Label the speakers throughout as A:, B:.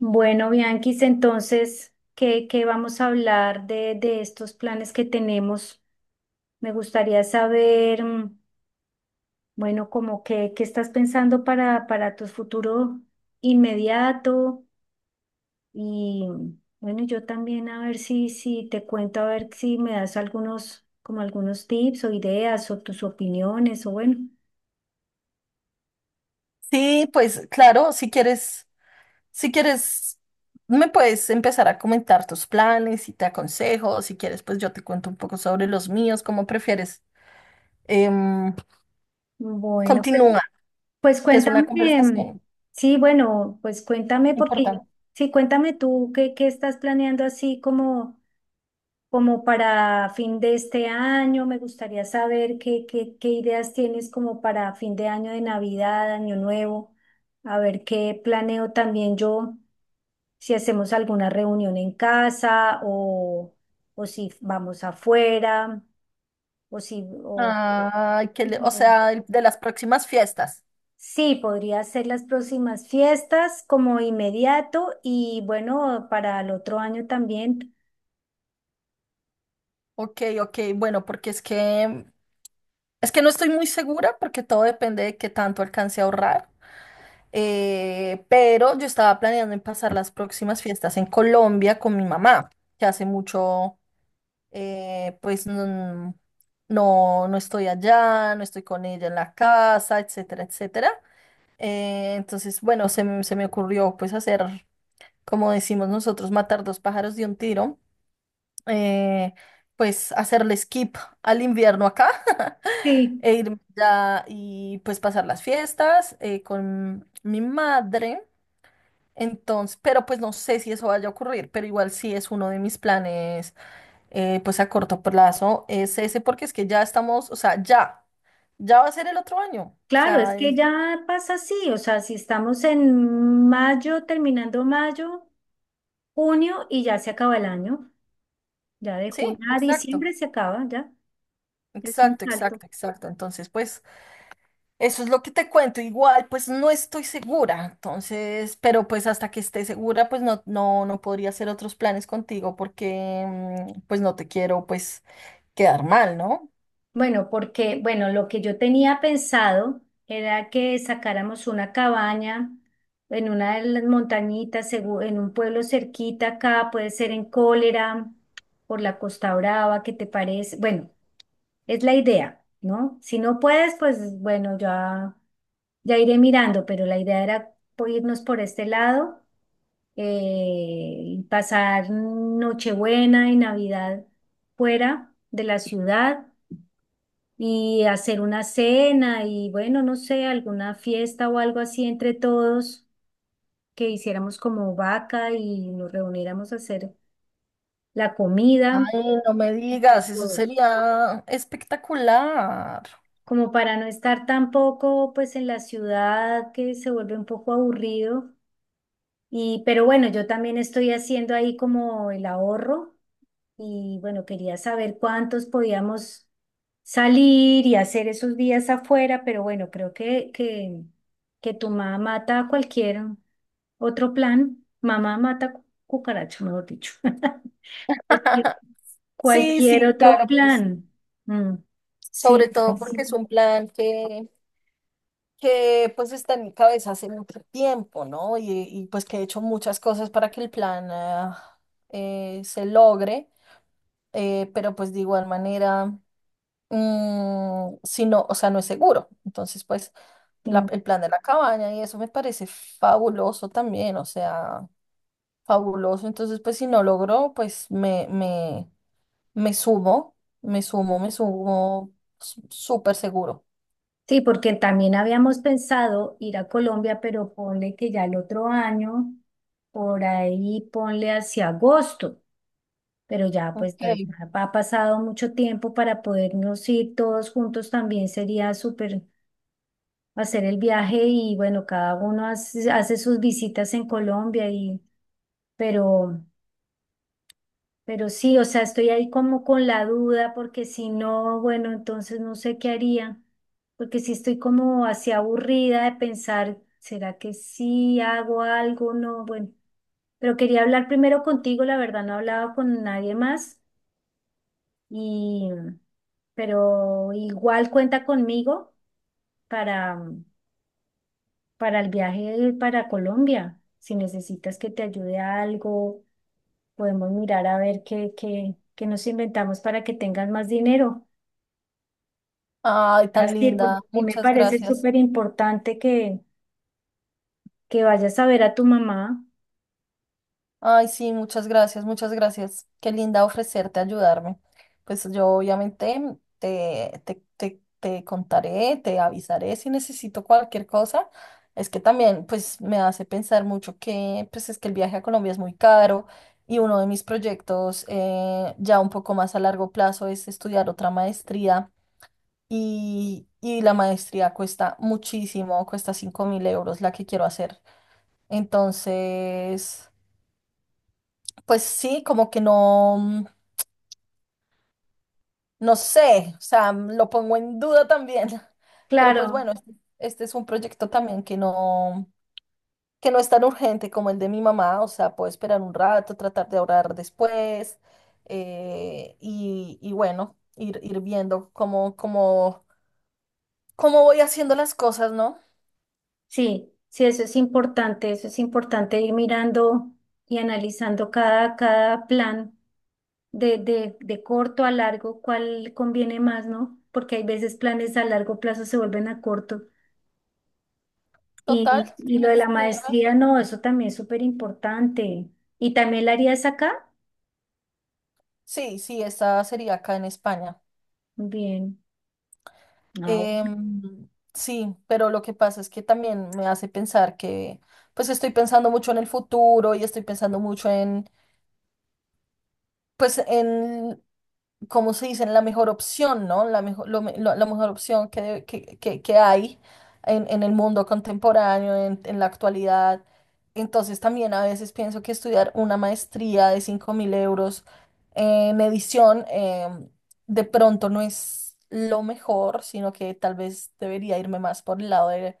A: Bueno, Bianquis, entonces, ¿qué vamos a hablar de estos planes que tenemos? Me gustaría saber, bueno, como que, ¿qué estás pensando para tu futuro inmediato? Y bueno, yo también a ver si te cuento, a ver si me das algunos, como algunos tips o ideas o tus opiniones o bueno.
B: Sí, pues claro, si quieres, me puedes empezar a comentar tus planes y te aconsejo, si quieres, pues yo te cuento un poco sobre los míos, cómo prefieres. Em,
A: Bueno, pues
B: Continúa,
A: Pues
B: que es una
A: cuéntame.
B: conversación
A: Sí, bueno, pues cuéntame porque,
B: importante.
A: sí, cuéntame tú qué, qué estás planeando así como, como para fin de este año. Me gustaría saber qué ideas tienes como para fin de año, de Navidad, Año Nuevo. A ver qué planeo también yo, si hacemos alguna reunión en casa o si vamos afuera o si,
B: Ay,
A: y
B: o
A: como-
B: sea, de las próximas fiestas.
A: Sí, podría ser las próximas fiestas como inmediato y bueno, para el otro año también.
B: Ok, ok, bueno, porque es que no estoy muy segura porque todo depende de qué tanto alcance a ahorrar. Pero yo estaba planeando en pasar las próximas fiestas en Colombia con mi mamá, que hace mucho, pues no, no, no estoy allá, no estoy con ella en la casa, etcétera, etcétera. Entonces, bueno, se me ocurrió pues hacer, como decimos nosotros, matar dos pájaros de un tiro, eh, pues hacerle skip al invierno acá
A: Sí,
B: e irme allá y pues pasar las fiestas con mi madre. Entonces, pero pues no sé si eso vaya a ocurrir, pero igual sí es uno de mis planes, pues a corto plazo, es ese, porque es que ya estamos, o sea, ya va a ser el otro año, o
A: claro, es
B: sea,
A: que ya pasa así, o sea, si estamos en mayo, terminando mayo, junio y ya se acaba el año, ya de
B: sí,
A: junio a
B: exacto,
A: diciembre se acaba, ya es un
B: exacto,
A: salto.
B: exacto, exacto. Entonces, pues eso es lo que te cuento, igual, pues no estoy segura, entonces, pero pues hasta que esté segura, pues no, no, no podría hacer otros planes contigo porque, pues no te quiero, pues, quedar mal, ¿no?
A: Bueno, porque, bueno, lo que yo tenía pensado era que sacáramos una cabaña en una de las montañitas, en un pueblo cerquita acá, puede ser en Cólera, por la Costa Brava. ¿Qué te parece? Bueno, es la idea, ¿no? Si no puedes, pues bueno, ya, ya iré mirando, pero la idea era irnos por este lado, eh, y pasar Nochebuena y Navidad fuera de la ciudad y hacer una cena y bueno, no sé, alguna fiesta o algo así entre todos, que hiciéramos como vaca y nos reuniéramos a hacer la comida
B: Ay, no me
A: entre
B: digas, eso
A: todos,
B: sería espectacular.
A: como para no estar tampoco pues en la ciudad, que se vuelve un poco aburrido. Y pero bueno, yo también estoy haciendo ahí como el ahorro. Y bueno, quería saber cuántos podíamos salir y hacer esos días afuera, pero bueno, creo que tu mamá mata cualquier otro plan. Mamá mata cucaracho, mejor dicho. Cualquier,
B: Sí,
A: cualquier
B: sí,
A: otro
B: claro, pues
A: plan. Mm, Sí,
B: sobre
A: ay,
B: todo
A: sí,
B: porque es un plan que pues está en mi cabeza hace mucho tiempo, ¿no? Y pues que he hecho muchas cosas para que el plan se logre, pero pues de igual manera, si no, o sea, no es seguro. Entonces, pues
A: sí.
B: el plan de la cabaña y eso me parece fabuloso también, o sea... Fabuloso. Entonces, pues si no logro, me sumo, me sumo, me sumo, súper seguro.
A: Sí, porque también habíamos pensado ir a Colombia, pero ponle que ya el otro año, por ahí ponle hacia agosto. Pero ya,
B: Ok.
A: pues ya ha pasado mucho tiempo. Para podernos ir todos juntos también sería súper hacer el viaje, y bueno, cada uno hace, hace sus visitas en Colombia y, pero, pero sí, o sea, estoy ahí como con la duda porque si no, bueno, entonces no sé qué haría, porque si estoy como así aburrida de pensar, ¿será que sí hago algo? No, bueno, pero quería hablar primero contigo, la verdad no he hablado con nadie más. Y, pero igual cuenta conmigo para, para el viaje para Colombia. Si necesitas que te ayude a algo, podemos mirar a ver qué nos inventamos para que tengas más dinero.
B: Ay, tan
A: Así,
B: linda.
A: porque a mí me
B: Muchas
A: parece
B: gracias.
A: súper importante que vayas a ver a tu mamá.
B: Ay, sí, muchas gracias, muchas gracias. Qué linda ofrecerte ayudarme. Pues yo obviamente te contaré, te avisaré si necesito cualquier cosa. Es que también pues me hace pensar mucho que pues es que el viaje a Colombia es muy caro y uno de mis proyectos ya un poco más a largo plazo es estudiar otra maestría y la maestría cuesta muchísimo, cuesta 5.000 € la que quiero hacer. Entonces... Pues sí, como que no, no sé, o sea, lo pongo en duda también. Pero pues
A: Claro.
B: bueno, este es un proyecto también que no, es tan urgente como el de mi mamá, o sea, puedo esperar un rato, tratar de ahorrar después, y bueno, ir viendo cómo voy haciendo las cosas, ¿no?
A: Sí, sí, eso es importante ir mirando y analizando cada, cada plan de, de corto a largo, ¿cuál conviene más, ¿no? Porque hay veces planes a largo plazo se vuelven a corto.
B: Total,
A: Y lo de la
B: tienes
A: maestría,
B: razón.
A: no, eso también es súper importante. ¿Y también la harías acá?
B: Sí, sí, esta sería acá en España.
A: Bien. Ah, bueno,
B: Em, sí, pero lo que pasa es que también me hace pensar que, pues estoy pensando mucho en el futuro y estoy pensando mucho pues en ¿como se dice? La mejor opción, ¿no? La mejor, la mejor opción que hay en, el mundo contemporáneo, en la actualidad. Entonces también a veces pienso que estudiar una maestría de 5.000 € en edición, de pronto no es lo mejor, sino que tal vez debería irme más por el lado de,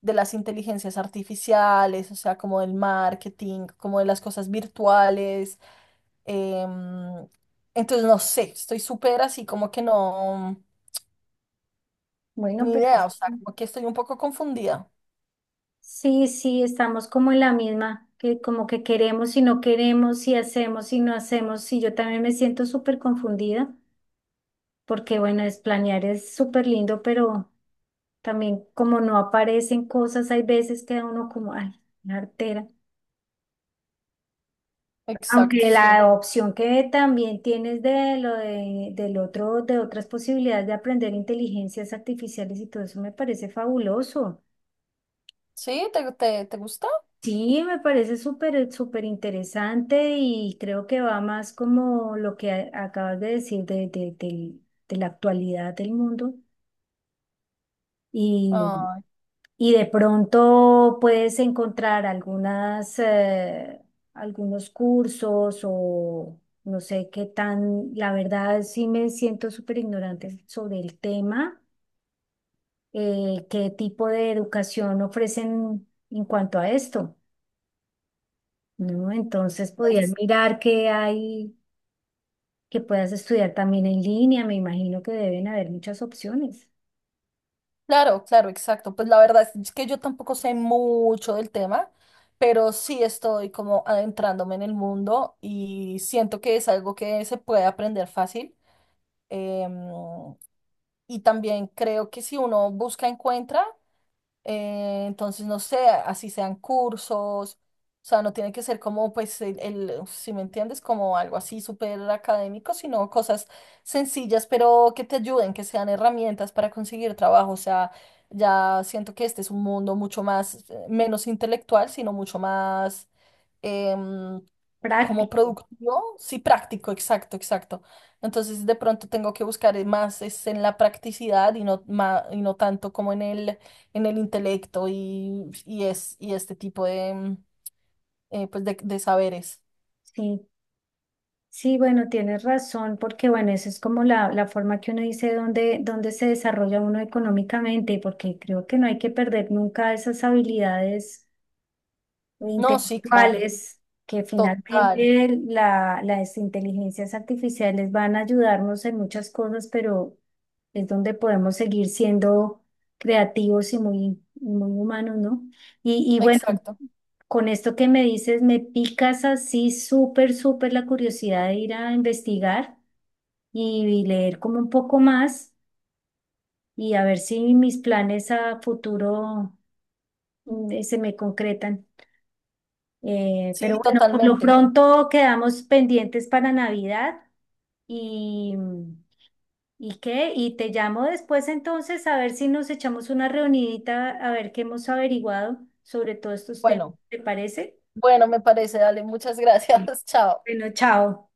B: las inteligencias artificiales, o sea, como del marketing, como de las cosas virtuales. Em, entonces, no sé, estoy súper así como que no,
A: bueno,
B: ni
A: pero...
B: idea, o sea, como que estoy un poco confundida.
A: Sí, sí, estamos como en la misma, que como que queremos y no queremos, si hacemos y no hacemos, y yo también me siento súper confundida, porque bueno, es planear, es súper lindo, pero también como no aparecen cosas, hay veces que uno como, ay, una artera.
B: Exacto,
A: Aunque
B: sí.
A: la opción que también tienes de lo de, del otro, de otras posibilidades de aprender inteligencias artificiales y todo eso me parece fabuloso.
B: ¿Sí? ¿ Te gusta?
A: Sí, me parece súper, súper interesante y creo que va más como lo que acabas de decir de, del de la actualidad del mundo y,
B: Ay,
A: y de pronto puedes encontrar algunas, algunos cursos o no sé qué tan, la verdad sí me siento súper ignorante sobre el tema, qué tipo de educación ofrecen en cuanto a esto, ¿no? Entonces podías
B: pues,
A: mirar que hay, que puedas estudiar también en línea, me imagino que deben haber muchas opciones.
B: claro, claro, exacto. Pues la verdad es que yo tampoco sé mucho del tema, pero sí estoy como adentrándome en el mundo y siento que es algo que se puede aprender fácil. Em, y también creo que si uno busca, encuentra. Entonces, no sé, así sean cursos, o sea, no tiene que ser como, pues, si me entiendes, como algo así súper académico, sino cosas sencillas, pero que te ayuden, que sean herramientas para conseguir trabajo. O sea, ya siento que este es un mundo mucho más, menos intelectual, sino mucho más, em, como
A: Práctico,
B: productivo, sí, práctico, exacto, exacto. Entonces, de pronto tengo que buscar, más es en la practicidad y no, y no tanto como en el intelecto y este tipo de, pues de saberes.
A: sí. Sí, bueno, tienes razón, porque bueno, esa es como la forma que uno dice dónde, dónde se desarrolla uno económicamente, porque creo que no hay que perder nunca esas habilidades
B: No, sí, claro,
A: intelectuales, que
B: total,
A: finalmente las inteligencias artificiales van a ayudarnos en muchas cosas, pero es donde podemos seguir siendo creativos y muy, muy humanos, ¿no? Y bueno,
B: exacto,
A: con esto que me dices, me picas así súper, súper la curiosidad de ir a investigar y leer como un poco más y a ver si mis planes a futuro, se me concretan. Pero
B: sí,
A: bueno, por lo
B: totalmente.
A: pronto quedamos pendientes para Navidad y, ¿y qué? Y te llamo después entonces a ver si nos echamos una reunidita a ver qué hemos averiguado sobre todos estos temas.
B: Bueno,
A: ¿Te parece?
B: bueno, me parece, dale, muchas
A: Sí.
B: gracias, chao.
A: Bueno, chao.